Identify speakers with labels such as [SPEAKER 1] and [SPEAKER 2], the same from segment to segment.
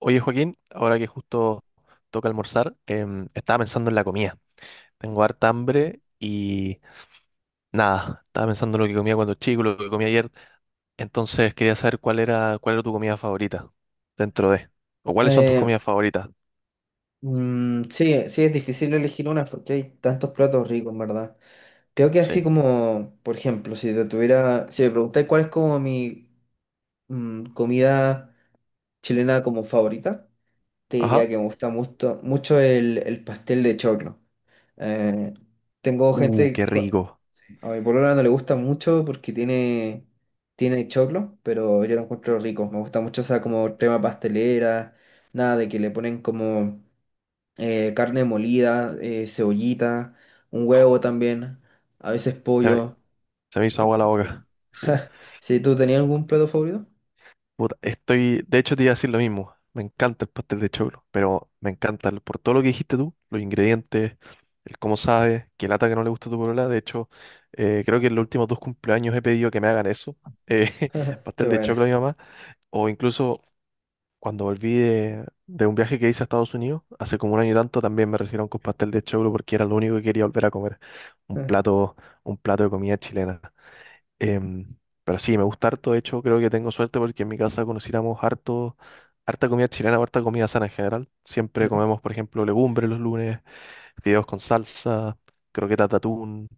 [SPEAKER 1] Oye, Joaquín, ahora que justo toca almorzar, estaba pensando en la comida. Tengo harta hambre y nada, estaba pensando en lo que comía cuando chico, lo que comía ayer. Entonces quería saber cuál era tu comida favorita dentro de, o cuáles son tus
[SPEAKER 2] Eh,
[SPEAKER 1] comidas favoritas.
[SPEAKER 2] mm, sí, sí, es difícil elegir una porque hay tantos platos ricos, en verdad. Creo que así
[SPEAKER 1] Sí.
[SPEAKER 2] como, por ejemplo, si me preguntáis cuál es como mi comida chilena como favorita, te
[SPEAKER 1] Ajá.
[SPEAKER 2] diría que me gusta mucho, mucho el pastel de choclo. Eh, Tengo
[SPEAKER 1] Qué
[SPEAKER 2] gente,
[SPEAKER 1] rico.
[SPEAKER 2] a mi polola no le gusta mucho porque tiene choclo, pero yo lo encuentro rico. Me gusta mucho esa como crema pastelera, nada de que le ponen como carne molida, cebollita, un huevo también, a veces
[SPEAKER 1] Se me,
[SPEAKER 2] pollo.
[SPEAKER 1] se me hizo
[SPEAKER 2] em,
[SPEAKER 1] agua la boca. Sí.
[SPEAKER 2] ¿Sí tú tenías algún plato favorito?
[SPEAKER 1] Puta, estoy, de hecho te iba a decir lo mismo. Me encanta el pastel de choclo, pero me encanta por todo lo que dijiste tú, los ingredientes, el cómo sabes, qué lata que no le gusta a tu polola. De hecho, creo que en los últimos dos cumpleaños he pedido que me hagan eso, eh,
[SPEAKER 2] Qué
[SPEAKER 1] pastel de
[SPEAKER 2] bueno.
[SPEAKER 1] choclo a mi mamá. O incluso cuando volví de un viaje que hice a Estados Unidos, hace como un año y tanto, también me recibieron con pastel de choclo porque era lo único que quería volver a comer. Un plato, un plato de comida chilena. Em, pero sí, me gusta harto. De hecho, creo que tengo suerte porque en mi casa conociéramos harto, harta comida chilena, harta comida sana en general. Siempre comemos, por ejemplo, legumbres los lunes, fideos con salsa, croquetas de atún,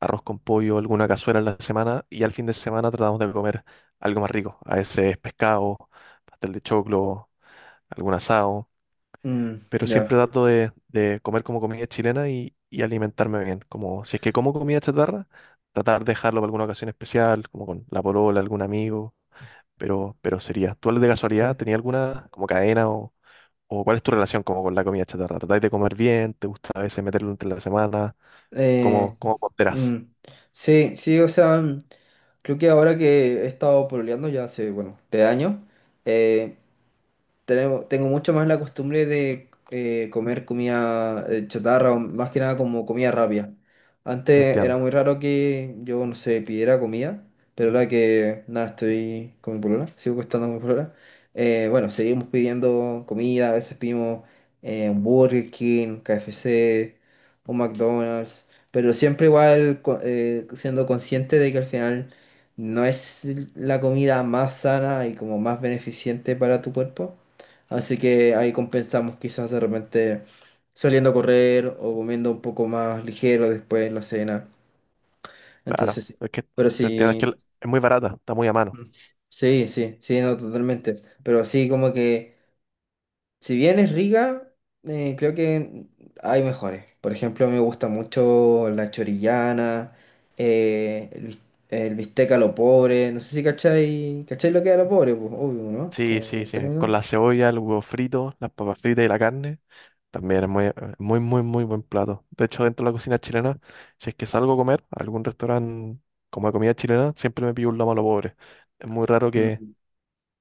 [SPEAKER 1] arroz con pollo, alguna cazuela en la semana. Y al fin de semana tratamos de comer algo más rico. A veces pescado, pastel de choclo, algún asado,
[SPEAKER 2] Mm,
[SPEAKER 1] pero
[SPEAKER 2] ya,
[SPEAKER 1] siempre trato de comer como comida chilena y alimentarme bien. Como si es que como comida chatarra, tratar de dejarlo para alguna ocasión especial, como con la polola, algún amigo, pero sería. ¿Tú de casualidad
[SPEAKER 2] ya.
[SPEAKER 1] tenías alguna como cadena o cuál es tu relación como con la comida chatarra? ¿Tratáis de comer bien? ¿Te gusta a veces meterlo entre la semana?
[SPEAKER 2] Eh,
[SPEAKER 1] Cómo ponderás?
[SPEAKER 2] mm, sí, sí, o sea, creo que ahora que he estado pololeando ya hace, bueno, 3 años, tengo mucho más la costumbre de comer comida chatarra, o más que nada como comida rápida. Antes era
[SPEAKER 1] Entiendo.
[SPEAKER 2] muy raro que yo, no sé, pidiera comida, pero ahora que nada, estoy con mi polola, sigo costando con mi polola. Bueno, seguimos pidiendo comida, a veces pedimos un Burger King, KFC, un McDonald's, pero siempre igual siendo consciente de que al final no es la comida más sana y como más beneficiente para tu cuerpo. Así que ahí compensamos quizás de repente saliendo a correr o comiendo un poco más ligero después en la cena.
[SPEAKER 1] Claro,
[SPEAKER 2] Entonces, sí,
[SPEAKER 1] es que
[SPEAKER 2] pero
[SPEAKER 1] te entiendo, es que
[SPEAKER 2] sí,
[SPEAKER 1] es muy barata, está muy a mano.
[SPEAKER 2] mm, sí, sí, sí, no, totalmente. Pero así como que, si bien es rica, creo que hay mejores. Por ejemplo, me gusta mucho la chorillana, eh, el, bis- el bistec a lo pobre. No sé si cachai lo que es a lo pobre, pues, obvio, ¿no?
[SPEAKER 1] Sí,
[SPEAKER 2] Como
[SPEAKER 1] sí,
[SPEAKER 2] el
[SPEAKER 1] sí. Con
[SPEAKER 2] término.
[SPEAKER 1] la cebolla, el huevo frito, las papas fritas y la carne. También es muy, muy, muy, muy buen plato. De hecho, dentro de la cocina chilena, si es que salgo a comer a algún restaurante como de comida chilena, siempre me pido un lomo a lo pobre. Es muy raro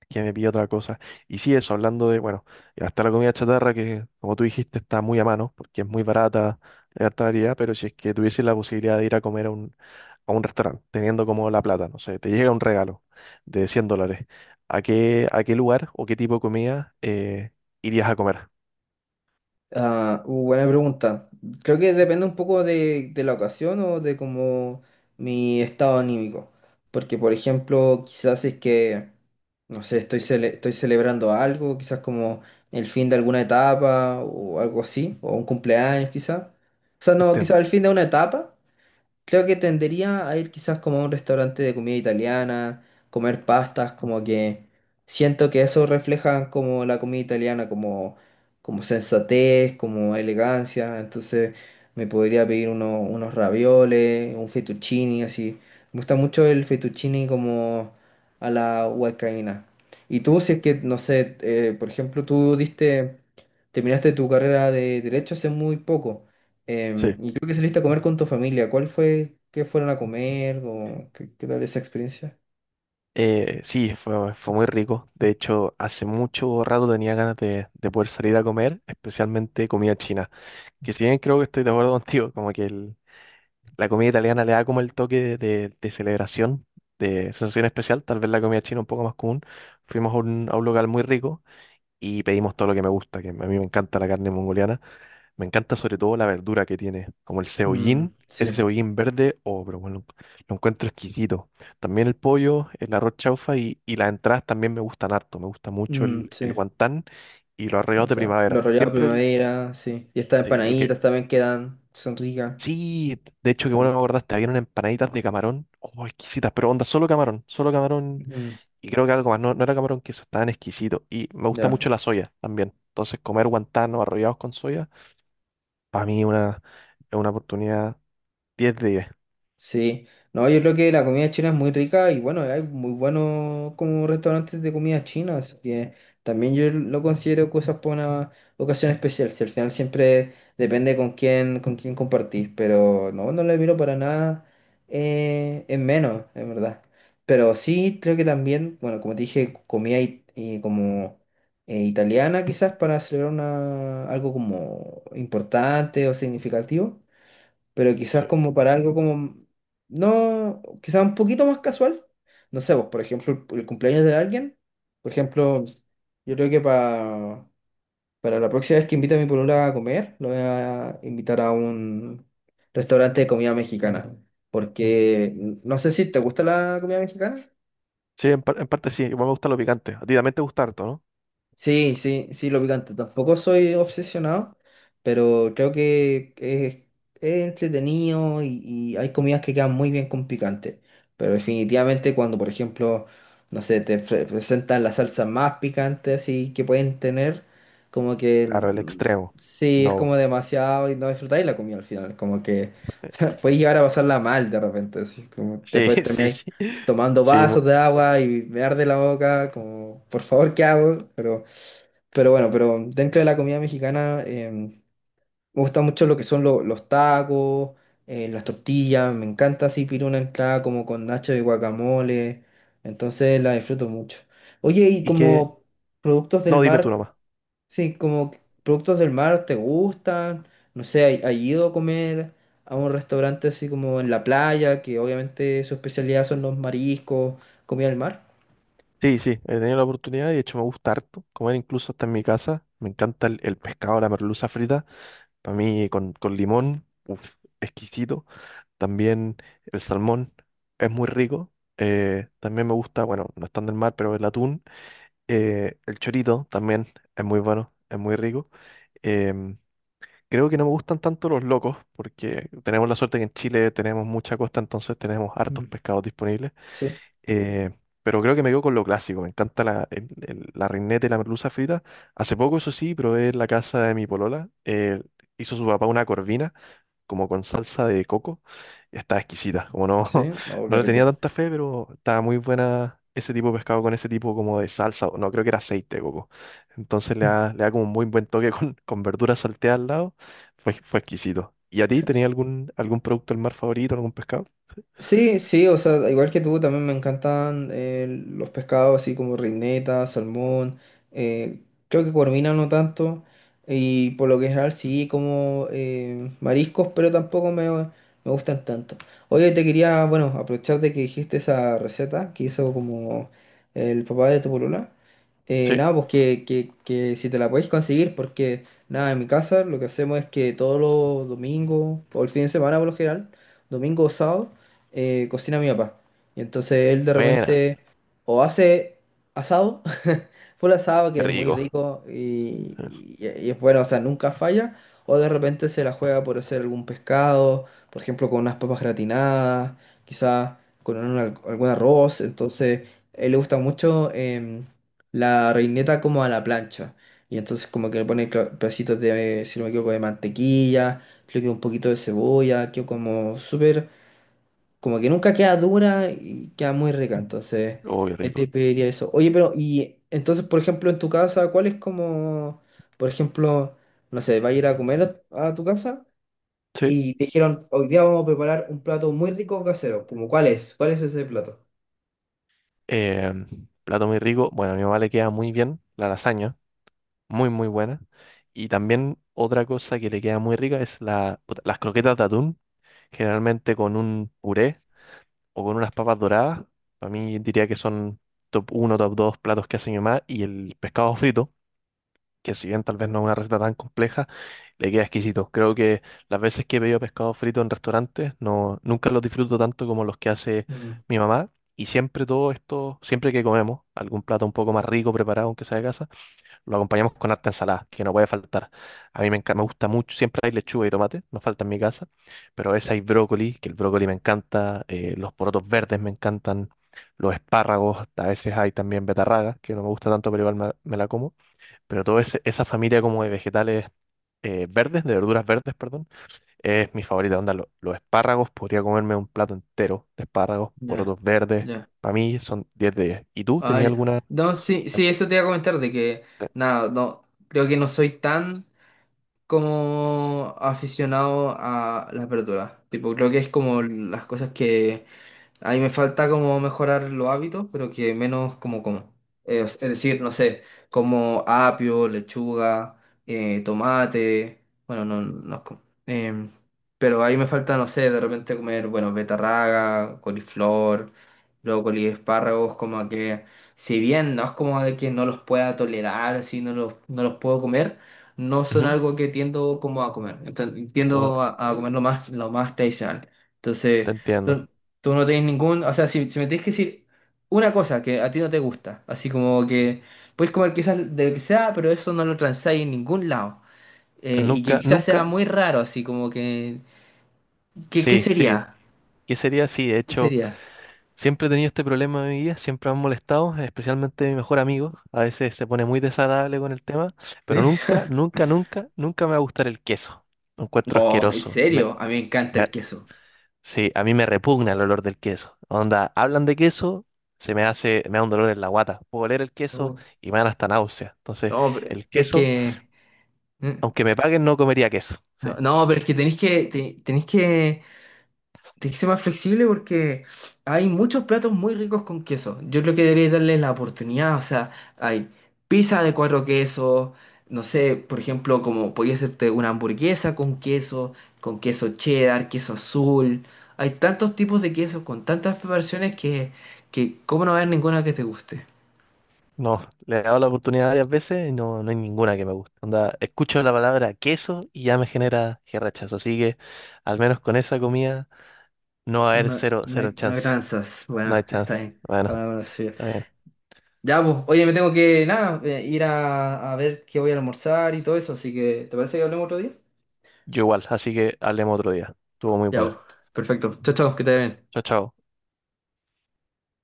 [SPEAKER 1] que me pida otra cosa. Y sí, eso, hablando de, bueno, y hasta la comida chatarra, que como tú dijiste, está muy a mano, porque es muy barata, hay harta variedad, pero si es que tuviese la posibilidad de ir a comer a a un restaurante, teniendo como la plata, no sé, te llega un regalo de 100 dólares, a qué lugar o qué tipo de comida irías a comer?
[SPEAKER 2] Ah, buena pregunta. Creo que depende un poco de la ocasión o de como mi estado anímico. Porque, por ejemplo, quizás si es que, no sé, estoy celebrando algo, quizás como el fin de alguna etapa o algo así, o un cumpleaños quizás. O sea, no, quizás
[SPEAKER 1] Entiendo.
[SPEAKER 2] el fin de una etapa. Creo que tendería a ir quizás como a un restaurante de comida italiana, comer pastas, como que siento que eso refleja como la comida italiana, como sensatez, como elegancia. Entonces me podría pedir unos ravioles, un fettuccini, así. Me gusta mucho el fettuccini como a la huancaína. Y tú, si es que, no sé, por ejemplo, tú terminaste tu carrera de derecho hace muy poco.
[SPEAKER 1] Sí.
[SPEAKER 2] Y creo que saliste a comer con tu familia. ¿Cuál fue? ¿Qué fueron a comer? ¿O qué tal esa experiencia?
[SPEAKER 1] Sí, fue muy rico. De hecho, hace mucho rato tenía ganas de poder salir a comer, especialmente comida china. Que si bien creo que estoy de acuerdo contigo, como que la comida italiana le da como el toque de celebración, de sensación especial, tal vez la comida china un poco más común. Fuimos a a un local muy rico y pedimos todo lo que me gusta, que a mí me encanta la carne mongoliana. Me encanta sobre todo la verdura que tiene, como el cebollín,
[SPEAKER 2] Mm,
[SPEAKER 1] ese
[SPEAKER 2] sí.
[SPEAKER 1] cebollín verde, oh, pero bueno, lo encuentro exquisito. También el pollo, el arroz chaufa y las entradas también me gustan harto. Me gusta mucho
[SPEAKER 2] Mm,
[SPEAKER 1] el
[SPEAKER 2] sí.
[SPEAKER 1] guantán y los arreglos de
[SPEAKER 2] Aguanta. Los
[SPEAKER 1] primavera.
[SPEAKER 2] rallados
[SPEAKER 1] Siempre el,
[SPEAKER 2] primavera, sí. Y estas
[SPEAKER 1] sí, el
[SPEAKER 2] empanaditas
[SPEAKER 1] que...
[SPEAKER 2] también quedan. Son ricas.
[SPEAKER 1] Sí, de hecho, que bueno
[SPEAKER 2] También.
[SPEAKER 1] me acordaste, habían unas empanaditas de camarón, oh, exquisitas, pero onda, solo camarón, solo camarón.
[SPEAKER 2] Mm,
[SPEAKER 1] Y creo que algo más, no, no era camarón queso, estaban exquisito. Y me gusta
[SPEAKER 2] ya.
[SPEAKER 1] mucho la soya también. Entonces, comer guantán arrollados con soya, para mí una, es una oportunidad 10 de 10.
[SPEAKER 2] Sí, no, yo creo que la comida china es muy rica y bueno, hay muy buenos como restaurantes de comida china, así que también yo lo considero cosas para una ocasión especial, si al final siempre depende con quién compartir, pero no, no le miro para nada en menos, en verdad. Pero sí, creo que también, bueno, como te dije, comida y como italiana quizás para celebrar una, algo como importante o significativo, pero quizás
[SPEAKER 1] Sí,
[SPEAKER 2] como para algo como, no, quizás un poquito más casual. No sé, vos por ejemplo, el cumpleaños de alguien, por ejemplo, yo creo que para la próxima vez que invite a mi polola a comer, lo voy a invitar a un restaurante de comida mexicana, porque no sé si te gusta la comida mexicana.
[SPEAKER 1] sí en, en parte sí, igual me gusta lo picante. A ti también te gusta harto, ¿no?
[SPEAKER 2] Sí, sí, sí, lo picante. Tampoco soy obsesionado, pero creo que es entretenido y hay comidas que quedan muy bien con picante. Pero definitivamente cuando, por ejemplo, no sé, te presentan las salsas más picantes y que pueden tener, como que
[SPEAKER 1] Claro, el
[SPEAKER 2] mm,
[SPEAKER 1] extremo.
[SPEAKER 2] sí, es como
[SPEAKER 1] No.
[SPEAKER 2] demasiado y no disfrutáis la comida al final. Como que
[SPEAKER 1] eh,
[SPEAKER 2] puedes llegar a pasarla mal de repente, así como
[SPEAKER 1] Sí,
[SPEAKER 2] después
[SPEAKER 1] sí,
[SPEAKER 2] termináis
[SPEAKER 1] sí.
[SPEAKER 2] tomando
[SPEAKER 1] Sí,
[SPEAKER 2] vasos de agua y me arde la boca, como, por favor, ¿qué hago? Pero bueno, pero dentro de la comida mexicana me gusta mucho lo que son los tacos, las tortillas, me encanta así pedir una entrada como con nacho de guacamole, entonces la disfruto mucho. Oye, y
[SPEAKER 1] y que...
[SPEAKER 2] como productos del
[SPEAKER 1] No, dime tú
[SPEAKER 2] mar,
[SPEAKER 1] nomás.
[SPEAKER 2] sí, productos del mar, ¿te gustan? No sé, ¿has ido a comer a un restaurante así como en la playa, que obviamente su especialidad son los mariscos, comida del mar?
[SPEAKER 1] Sí, sí, he tenido la oportunidad y de hecho me gusta harto comer incluso hasta en mi casa. Me encanta el pescado, la merluza frita. Para mí con limón, uf, exquisito. También el salmón es muy rico. También me gusta, bueno, no es tan del mar, pero el atún. El chorito también es muy bueno, es muy rico. Em, creo que no me gustan tanto los locos, porque tenemos la suerte que en Chile tenemos mucha costa, entonces tenemos hartos
[SPEAKER 2] Mm.
[SPEAKER 1] pescados disponibles.
[SPEAKER 2] Sí,
[SPEAKER 1] Eh, pero creo que me quedo con lo clásico. Me encanta la, la reineta y la merluza frita. Hace poco, eso sí, probé en la casa de mi polola. Hizo su papá una corvina como con salsa de coco. Está exquisita. Como no,
[SPEAKER 2] sí, no,
[SPEAKER 1] no
[SPEAKER 2] qué
[SPEAKER 1] le
[SPEAKER 2] rico.
[SPEAKER 1] tenía tanta fe, pero estaba muy buena ese tipo de pescado con ese tipo como de salsa. O no, creo que era aceite de coco. Entonces le da como un muy buen toque con verduras salteadas al lado. Fue exquisito. ¿Y a ti tenías algún, algún producto del mar favorito, algún pescado?
[SPEAKER 2] Sí, sí, o sea, igual que tú, también me encantan los pescados así como reineta, salmón, eh, creo que corvina no tanto, y por lo que general sí como mariscos, pero tampoco me gustan tanto. Oye, te quería, bueno, aprovechar de que dijiste esa receta que hizo como el papá de tu polola,
[SPEAKER 1] Sí.
[SPEAKER 2] nada, pues que si te la podéis conseguir, porque nada, en mi casa lo que hacemos es que todos los domingos, o el fin de semana por lo general, domingo o sábado, cocina mi papá. Y entonces él de
[SPEAKER 1] Buena.
[SPEAKER 2] repente o hace asado, full asado
[SPEAKER 1] Qué
[SPEAKER 2] que es muy
[SPEAKER 1] rico.
[SPEAKER 2] rico y,
[SPEAKER 1] Sí.
[SPEAKER 2] y- y es bueno, o sea, nunca falla, o de repente se la juega por hacer algún pescado, por ejemplo, con unas papas gratinadas, quizás con un algún arroz. Entonces, a él le gusta mucho la reineta como a la plancha. Y entonces como que le pone pedacitos de, si no me equivoco, de mantequilla, creo que un poquito de cebolla, que como súper como que nunca queda dura y queda muy rica, entonces
[SPEAKER 1] Oh, qué
[SPEAKER 2] ahí te
[SPEAKER 1] rico.
[SPEAKER 2] pediría eso. Oye, pero y entonces, por ejemplo, en tu casa, ¿cuál es como, por ejemplo, no sé, vas a ir a comer a tu casa
[SPEAKER 1] Sí.
[SPEAKER 2] y te dijeron, hoy día vamos a preparar un plato muy rico casero, como cuál es? ¿Cuál es ese plato?
[SPEAKER 1] Em, plato muy rico. Bueno, a mi mamá le queda muy bien la lasaña. Muy, muy buena. Y también otra cosa que le queda muy rica es la, puta, las croquetas de atún, generalmente con un puré o con unas papas doradas. Para mí diría que son top uno top 2 platos que hace mi mamá. Y el pescado frito, que si bien tal vez no es una receta tan compleja, le queda exquisito. Creo que las veces que he pedido pescado frito en restaurantes, no, nunca los disfruto tanto como los que hace
[SPEAKER 2] Mm,
[SPEAKER 1] mi mamá. Y siempre todo esto, siempre que comemos algún plato un poco más rico preparado, aunque sea de casa, lo acompañamos con harta ensalada, que no puede faltar. A mí me encanta, me gusta mucho, siempre hay lechuga y tomate, no falta en mi casa, pero a veces hay brócoli, que el brócoli me encanta, los porotos verdes me encantan, los espárragos, a veces hay también betarragas, que no me gusta tanto, pero igual me la como. Pero toda esa familia como de vegetales verdes, de verduras verdes, perdón, es mi favorita. Onda, los espárragos, podría comerme un plato entero de espárragos,
[SPEAKER 2] ya,
[SPEAKER 1] porotos verdes,
[SPEAKER 2] ya.
[SPEAKER 1] para mí son 10 de 10. ¿Y tú
[SPEAKER 2] Ah,
[SPEAKER 1] tenías
[SPEAKER 2] ya.
[SPEAKER 1] alguna...
[SPEAKER 2] No, sí, sí, eso te iba a comentar de que, nada, no, creo que no soy tan como aficionado a las verduras. Tipo, creo que es como las cosas que ahí me falta como mejorar los hábitos, pero que menos como. Es decir, no sé, como apio, lechuga, tomate. Bueno, no, no es pero ahí me falta, no sé, de repente comer, bueno, betarraga, coliflor, brócoli, espárragos, como que si bien no es como de que no los pueda tolerar, así no los puedo comer, no son
[SPEAKER 1] Ujú,
[SPEAKER 2] algo que tiendo como a comer. Enten-
[SPEAKER 1] Omar,
[SPEAKER 2] tiendo a comer lo más tradicional.
[SPEAKER 1] te
[SPEAKER 2] Entonces,
[SPEAKER 1] entiendo.
[SPEAKER 2] tú, tú no tenés ningún, o sea, si me tenés que decir una cosa que a ti no te gusta, así como que puedes comer quizás de lo que sea, pero eso no lo transáis en ningún lado. Y que
[SPEAKER 1] Nunca,
[SPEAKER 2] quizás sea
[SPEAKER 1] nunca,
[SPEAKER 2] muy raro, así como que, ¿qué
[SPEAKER 1] sí, sí,
[SPEAKER 2] sería?
[SPEAKER 1] ¿qué sería? Sí, de
[SPEAKER 2] ¿Qué
[SPEAKER 1] hecho,
[SPEAKER 2] sería?
[SPEAKER 1] siempre he tenido este problema en mi vida, siempre me han molestado, especialmente mi mejor amigo, a veces se pone muy desagradable con el tema, pero
[SPEAKER 2] ¿Sí?
[SPEAKER 1] nunca, nunca, nunca, nunca me va a gustar el queso, lo encuentro
[SPEAKER 2] Oh, ¿en
[SPEAKER 1] asqueroso,
[SPEAKER 2] serio? A mí me encanta
[SPEAKER 1] me-
[SPEAKER 2] el queso.
[SPEAKER 1] sí, a mí me repugna el olor del queso, onda, hablan de queso, se me hace, me da un dolor en la guata, puedo oler el queso
[SPEAKER 2] No,
[SPEAKER 1] y me dan hasta náusea, entonces,
[SPEAKER 2] no, pero
[SPEAKER 1] el
[SPEAKER 2] es
[SPEAKER 1] queso,
[SPEAKER 2] que... mm,
[SPEAKER 1] aunque me paguen, no comería queso, sí.
[SPEAKER 2] No, no, pero es que tenéis que, te- tenéis que ser más flexible porque hay muchos platos muy ricos con queso. Yo creo que deberíais darle la oportunidad. O sea, hay pizza de cuatro quesos. No sé, por ejemplo, como podía hacerte una hamburguesa con queso cheddar, queso azul. Hay tantos tipos de quesos con tantas preparaciones que cómo no va a haber ninguna que te guste.
[SPEAKER 1] No, le he dado la oportunidad varias veces y no, no hay ninguna que me guste. Onda, escucho la palabra queso y ya me genera que rechazo. Así que al menos con esa comida no va a haber
[SPEAKER 2] No,
[SPEAKER 1] cero,
[SPEAKER 2] no
[SPEAKER 1] cero
[SPEAKER 2] hay, no hay
[SPEAKER 1] chance.
[SPEAKER 2] tranzas.
[SPEAKER 1] No hay
[SPEAKER 2] Bueno, está
[SPEAKER 1] chance.
[SPEAKER 2] bien.
[SPEAKER 1] Bueno,
[SPEAKER 2] Cada uno lo suyo.
[SPEAKER 1] está bien.
[SPEAKER 2] Ya, pues, oye, me tengo que, nada, ir a ver qué voy a almorzar y todo eso, así que, ¿te parece que hablemos otro día?
[SPEAKER 1] Yo igual, así que hablemos otro día. Estuvo muy
[SPEAKER 2] Ya, pues,
[SPEAKER 1] buena.
[SPEAKER 2] perfecto. Chao, chao, que te vaya bien.
[SPEAKER 1] Chao, chao.